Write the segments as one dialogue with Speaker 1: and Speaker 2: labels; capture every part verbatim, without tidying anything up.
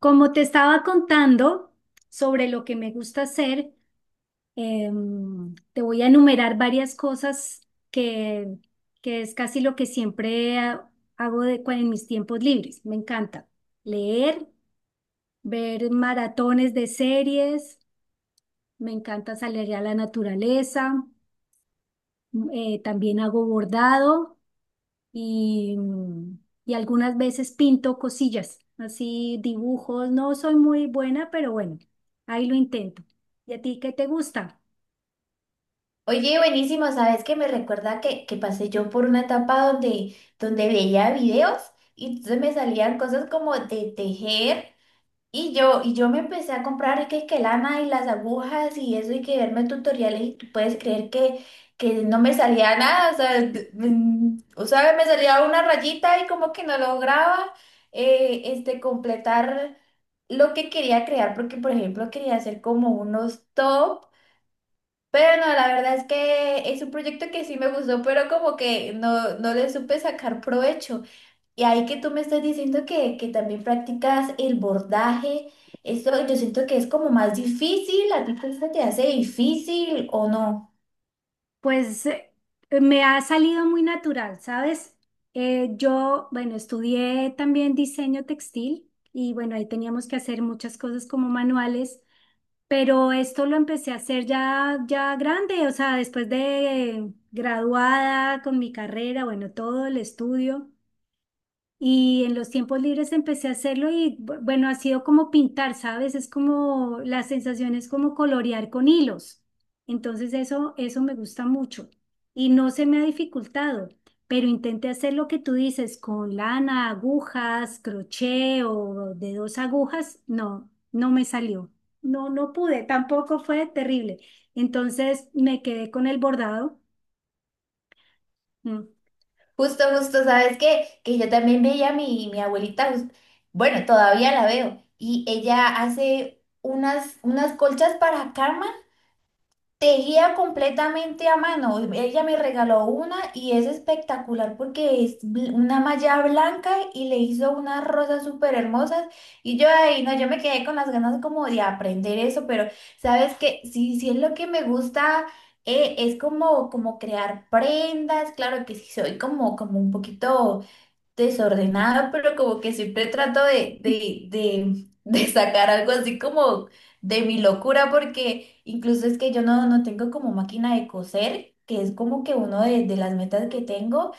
Speaker 1: Como te estaba contando sobre lo que me gusta hacer, em, te voy a enumerar varias cosas que, que es casi lo que siempre ha- hago de, cua- en mis tiempos libres. Me encanta leer, ver maratones de series, me encanta salir a la naturaleza, m- eh, también hago bordado. y, mm, y algunas veces pinto cosillas, así dibujos. No soy muy buena, pero bueno, ahí lo intento. ¿Y a ti qué te gusta?
Speaker 2: Oye, buenísimo, ¿sabes qué? Me recuerda que, que pasé yo por una etapa donde, donde veía videos y entonces me salían cosas como de tejer y yo, y yo me empecé a comprar que, que lana y las agujas y eso y que verme tutoriales y tú puedes creer que, que no me salía nada, o sea, d- mm, o sea, me salía una rayita y como que no lograba eh, este, completar lo que quería crear porque, por ejemplo, quería hacer como unos top. Pero no, la verdad es que es un proyecto que sí me gustó, pero como que no, no le supe sacar provecho. Y ahí que tú me estás diciendo que, que también practicas el bordaje. Esto yo siento que es como más difícil. ¿A ti te se te hace difícil o no?
Speaker 1: Pues eh, me ha salido muy natural, ¿sabes? Eh, yo, bueno, estudié también diseño textil y bueno, ahí teníamos que hacer muchas cosas como manuales. Pero esto lo empecé a hacer ya, ya grande, o sea, después de graduada con mi carrera, bueno, todo el estudio. Y en los tiempos libres empecé a hacerlo y bu- bueno, ha sido como pintar, ¿sabes? Es como la sensación es como colorear con hilos. Entonces eso, eso me gusta mucho y no se me ha dificultado, pero intenté hacer lo que tú dices con lana, agujas, crochet o de dos agujas. No, no me salió. No, no pude, tampoco fue terrible. Entonces me quedé con el bordado. Mm.
Speaker 2: Justo, justo, ¿sabes qué? Que yo también veía a mi, mi abuelita. Jus- bueno, todavía la veo, y ella hace unas, unas colchas para cama. Tejía completamente a mano. Ella me regaló una y es espectacular porque es bl- una malla blanca y le hizo unas rosas súper hermosas. Y yo ahí, no, yo me quedé con las ganas como de aprender eso, pero sabes que sí, sí es lo que me gusta. Eh, es como, como crear prendas. Claro que sí, soy como, como un poquito desordenada, pero como que siempre trato de, de, de, de sacar algo así como de mi locura, porque incluso es que yo no, no tengo como máquina de coser, que es como que uno de, de las metas que tengo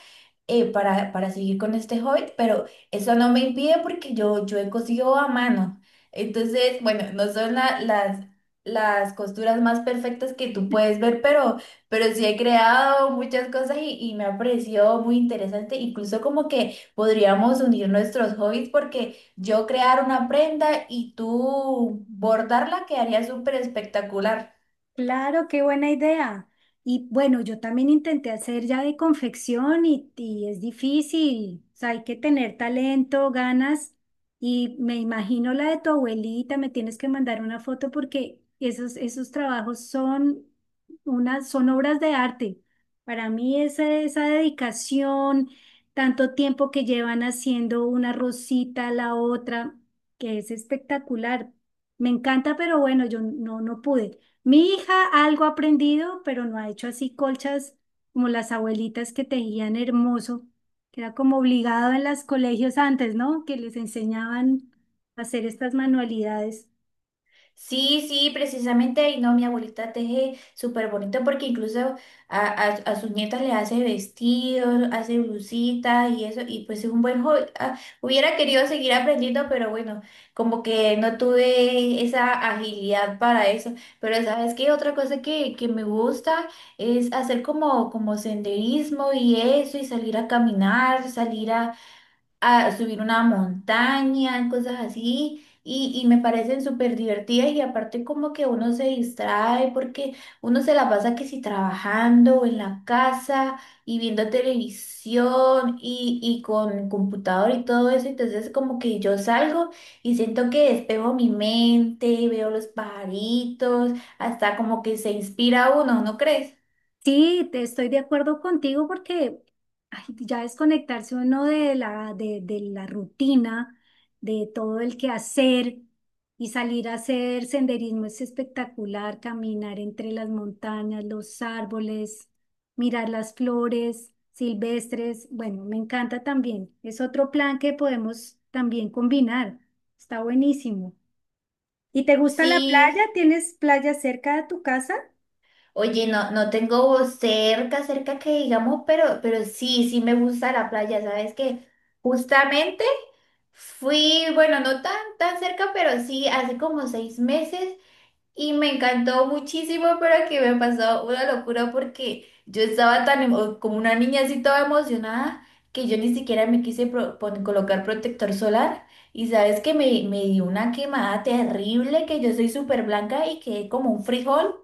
Speaker 2: eh, para, para seguir con este hobby, pero eso no me impide porque yo, yo he cosido a mano. Entonces, bueno, no son la- las, las costuras más perfectas que tú puedes ver, pero, pero sí he creado muchas cosas y, y me ha parecido muy interesante. Incluso como que podríamos unir nuestros hobbies porque yo crear una prenda y tú bordarla quedaría súper espectacular.
Speaker 1: Claro, qué buena idea. Y bueno, yo también intenté hacer ya de confección y, y es difícil. O sea, hay que tener talento, ganas. Y me imagino la de tu abuelita, me tienes que mandar una foto porque esos, esos trabajos son unas, son obras de arte. Para mí esa, esa dedicación, tanto tiempo que llevan haciendo una rosita a la otra, que es espectacular. Me encanta, pero bueno, yo no, no pude. Mi hija algo ha aprendido, pero no ha hecho así colchas como las abuelitas que tejían hermoso, que era como obligado en los colegios antes, ¿no? Que les enseñaban a hacer estas manualidades.
Speaker 2: Sí, sí, precisamente, y no, mi abuelita teje súper bonito porque incluso a, a, a sus nietas le hace vestidos, hace blusitas y eso, y pues es un buen hobby. Ah, hubiera querido seguir aprendiendo, pero bueno, como que no tuve esa agilidad para eso. Pero sabes qué, otra cosa que, que me gusta es hacer como, como senderismo y eso, y salir a caminar, salir a a subir una montaña, cosas así, y, y me parecen súper divertidas y aparte como que uno se distrae porque uno se la pasa que si trabajando o en la casa y viendo televisión y, y con computador y todo eso, entonces como que yo salgo y siento que despejo mi mente, veo los pajaritos, hasta como que se inspira uno, ¿no crees?
Speaker 1: Sí, te estoy de acuerdo contigo porque ay, ya desconectarse uno de la, de, de la rutina, de todo el quehacer y salir a hacer senderismo es espectacular, caminar entre las montañas, los árboles, mirar las flores silvestres. Bueno, me encanta también. Es otro plan que podemos también combinar. Está buenísimo. ¿Y te gusta la
Speaker 2: Sí.
Speaker 1: playa? ¿Tienes playa cerca de tu casa?
Speaker 2: Oye, no, no tengo cerca, cerca que digamos, pero, pero sí, sí me gusta la playa, ¿sabes qué? Justamente fui, bueno, no tan, tan cerca, pero sí, hace como seis meses y me encantó muchísimo, pero que me pasó una locura porque yo estaba tan, emo- como una niña así toda emocionada, que yo ni siquiera me quise pro- pon- colocar protector solar y sabes que me, me dio una quemada terrible, que yo soy súper blanca y quedé como un frijol.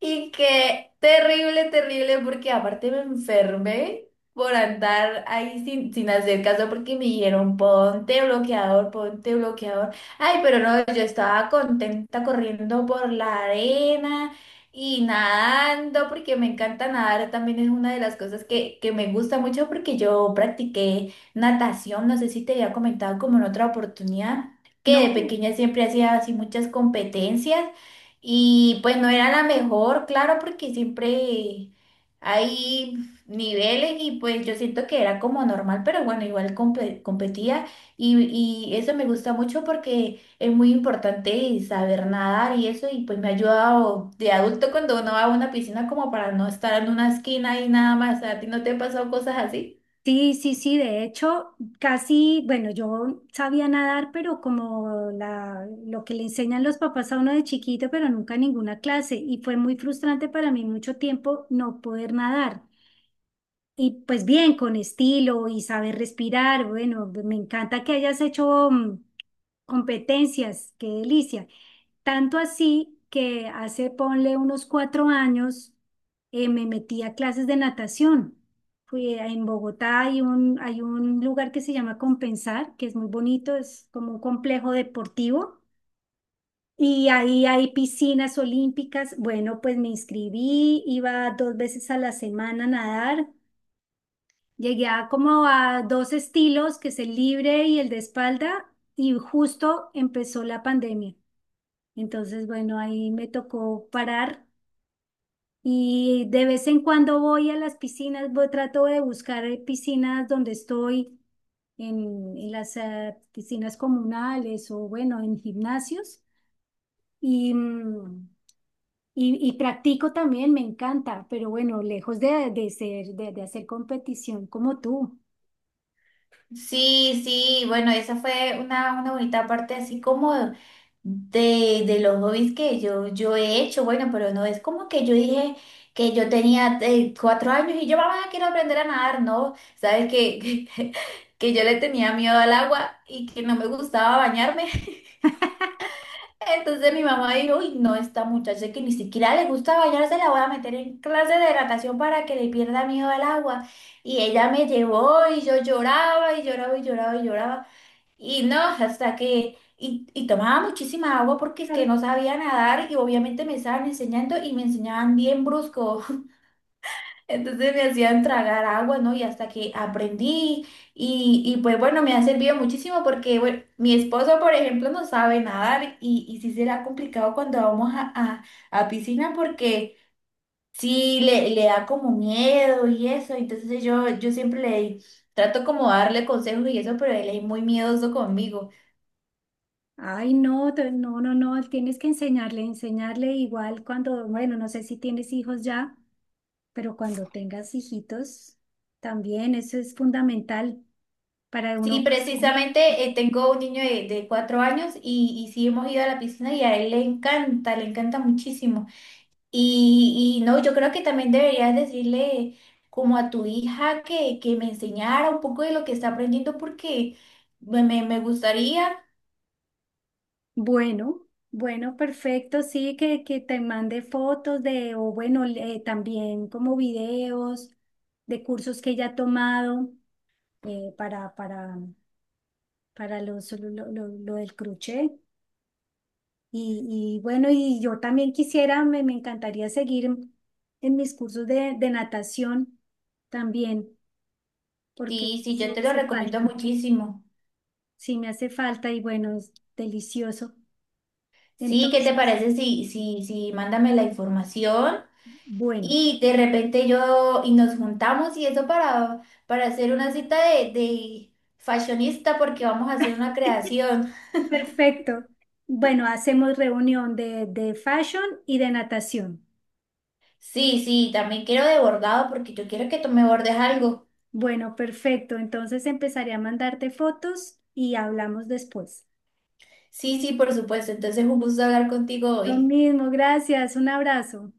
Speaker 2: Y que terrible, terrible, porque aparte me enfermé por andar ahí sin, sin hacer caso, porque me dijeron ponte bloqueador, ponte bloqueador. Ay, pero no, yo estaba contenta corriendo por la arena y nadando, porque me encanta nadar, también es una de las cosas que, que me gusta mucho, porque yo practiqué natación, no sé si te había comentado como en otra oportunidad, que de
Speaker 1: No.
Speaker 2: pequeña siempre hacía así muchas competencias. Y pues no era la mejor, claro, porque siempre hay niveles y pues yo siento que era como normal, pero bueno, igual compe- competía, y, y eso me gusta mucho porque es muy importante saber nadar y eso, y pues me ha ayudado de adulto cuando uno va a una piscina como para no estar en una esquina y nada más. ¿A ti no te han pasado cosas así?
Speaker 1: Sí, sí, sí, de hecho, casi, bueno, yo sabía nadar, pero como la, lo que le enseñan los papás a uno de chiquito, pero nunca ninguna clase, y fue muy frustrante para mí mucho tiempo no poder nadar. Y pues bien, con estilo y saber respirar, bueno, me encanta que hayas hecho mm, competencias, qué delicia. Tanto así que hace, ponle unos cuatro años, eh, me metí a clases de natación. Fui a- en Bogotá, hay un, hay un lugar que se llama Compensar, que es muy bonito, es como un complejo deportivo. Y ahí hay piscinas olímpicas. Bueno, pues me inscribí, iba dos veces a la semana a nadar. Llegué a como a dos estilos, que es el libre y el de espalda, y justo empezó la pandemia. Entonces, bueno, ahí me tocó parar y de vez en cuando voy a las piscinas, voy- trato de buscar eh, piscinas donde estoy, en, en las eh, piscinas comunales o bueno, en gimnasios y, mm, y, y practico también, me encanta, pero bueno, lejos de, de ser, de, de hacer competición como tú.
Speaker 2: Sí, sí, bueno, esa fue una, una bonita parte así como de, de los hobbies que yo, yo he hecho. Bueno, pero no es como que yo dije que yo tenía eh, cuatro años y yo, mamá, quiero aprender a nadar, no, sabes que, que, que yo le tenía miedo al agua y que no me gustaba bañarme, entonces mi mamá dijo, uy, no, esta muchacha que ni siquiera le gusta bañarse, la voy a meter en clase de natación para que le pierda miedo al agua, y ella me llevó y yo lloraba y lloraba y lloraba y lloraba. Y no, hasta que, y, y tomaba muchísima agua porque es que
Speaker 1: Claro.
Speaker 2: no sabía nadar y obviamente me estaban enseñando y me enseñaban bien brusco. Entonces me hacían tragar agua, ¿no? Y hasta que aprendí, y, y pues bueno, me ha servido muchísimo porque bueno, mi esposo, por ejemplo, no sabe nadar, y, y sí será complicado cuando vamos a, a, a piscina porque sí le, le da como miedo y eso. Entonces yo, yo siempre le trato como darle consejos y eso, pero él es muy miedoso conmigo.
Speaker 1: Ay, no, te- no, no, no, tienes que enseñarle, enseñarle igual cuando, bueno, no sé si tienes hijos ya, pero cuando tengas hijitos, también eso es fundamental para
Speaker 2: Sí,
Speaker 1: uno pasar bien.
Speaker 2: precisamente eh, tengo un niño de, de cuatro años, y, y sí hemos ido a la piscina y a él le encanta, le encanta muchísimo. Y, y no, yo creo que también deberías decirle como a tu hija que, que me enseñara un poco de lo que está aprendiendo porque me, me, me gustaría.
Speaker 1: Bueno, bueno, perfecto, sí, que, que te mande fotos de, o bueno, le- también como videos de cursos que ella ha tomado eh, para, para, para los, lo, lo- lo- lo del crochet. Y, y bueno, y yo también quisiera, me, me encantaría seguir en mis cursos de, de natación también, porque
Speaker 2: Sí, sí,
Speaker 1: sí
Speaker 2: yo
Speaker 1: me
Speaker 2: te lo
Speaker 1: hace
Speaker 2: recomiendo
Speaker 1: falta.
Speaker 2: muchísimo.
Speaker 1: Sí, me hace falta y bueno, es delicioso.
Speaker 2: Sí, ¿qué te
Speaker 1: Entonces,
Speaker 2: parece? Sí, sí, sí, mándame la información.
Speaker 1: bueno,
Speaker 2: Y de repente yo, y nos juntamos y eso para, para hacer una cita de, de fashionista porque vamos a hacer una creación.
Speaker 1: perfecto. Bueno, hacemos reunión de, de fashion y de natación.
Speaker 2: Sí, sí, también quiero de bordado porque yo quiero que tú me bordes algo.
Speaker 1: Bueno, perfecto. Entonces empezaré a mandarte fotos y hablamos después.
Speaker 2: Sí, sí, por supuesto. Entonces, un gusto hablar contigo
Speaker 1: Lo
Speaker 2: hoy.
Speaker 1: mismo, gracias. Un abrazo.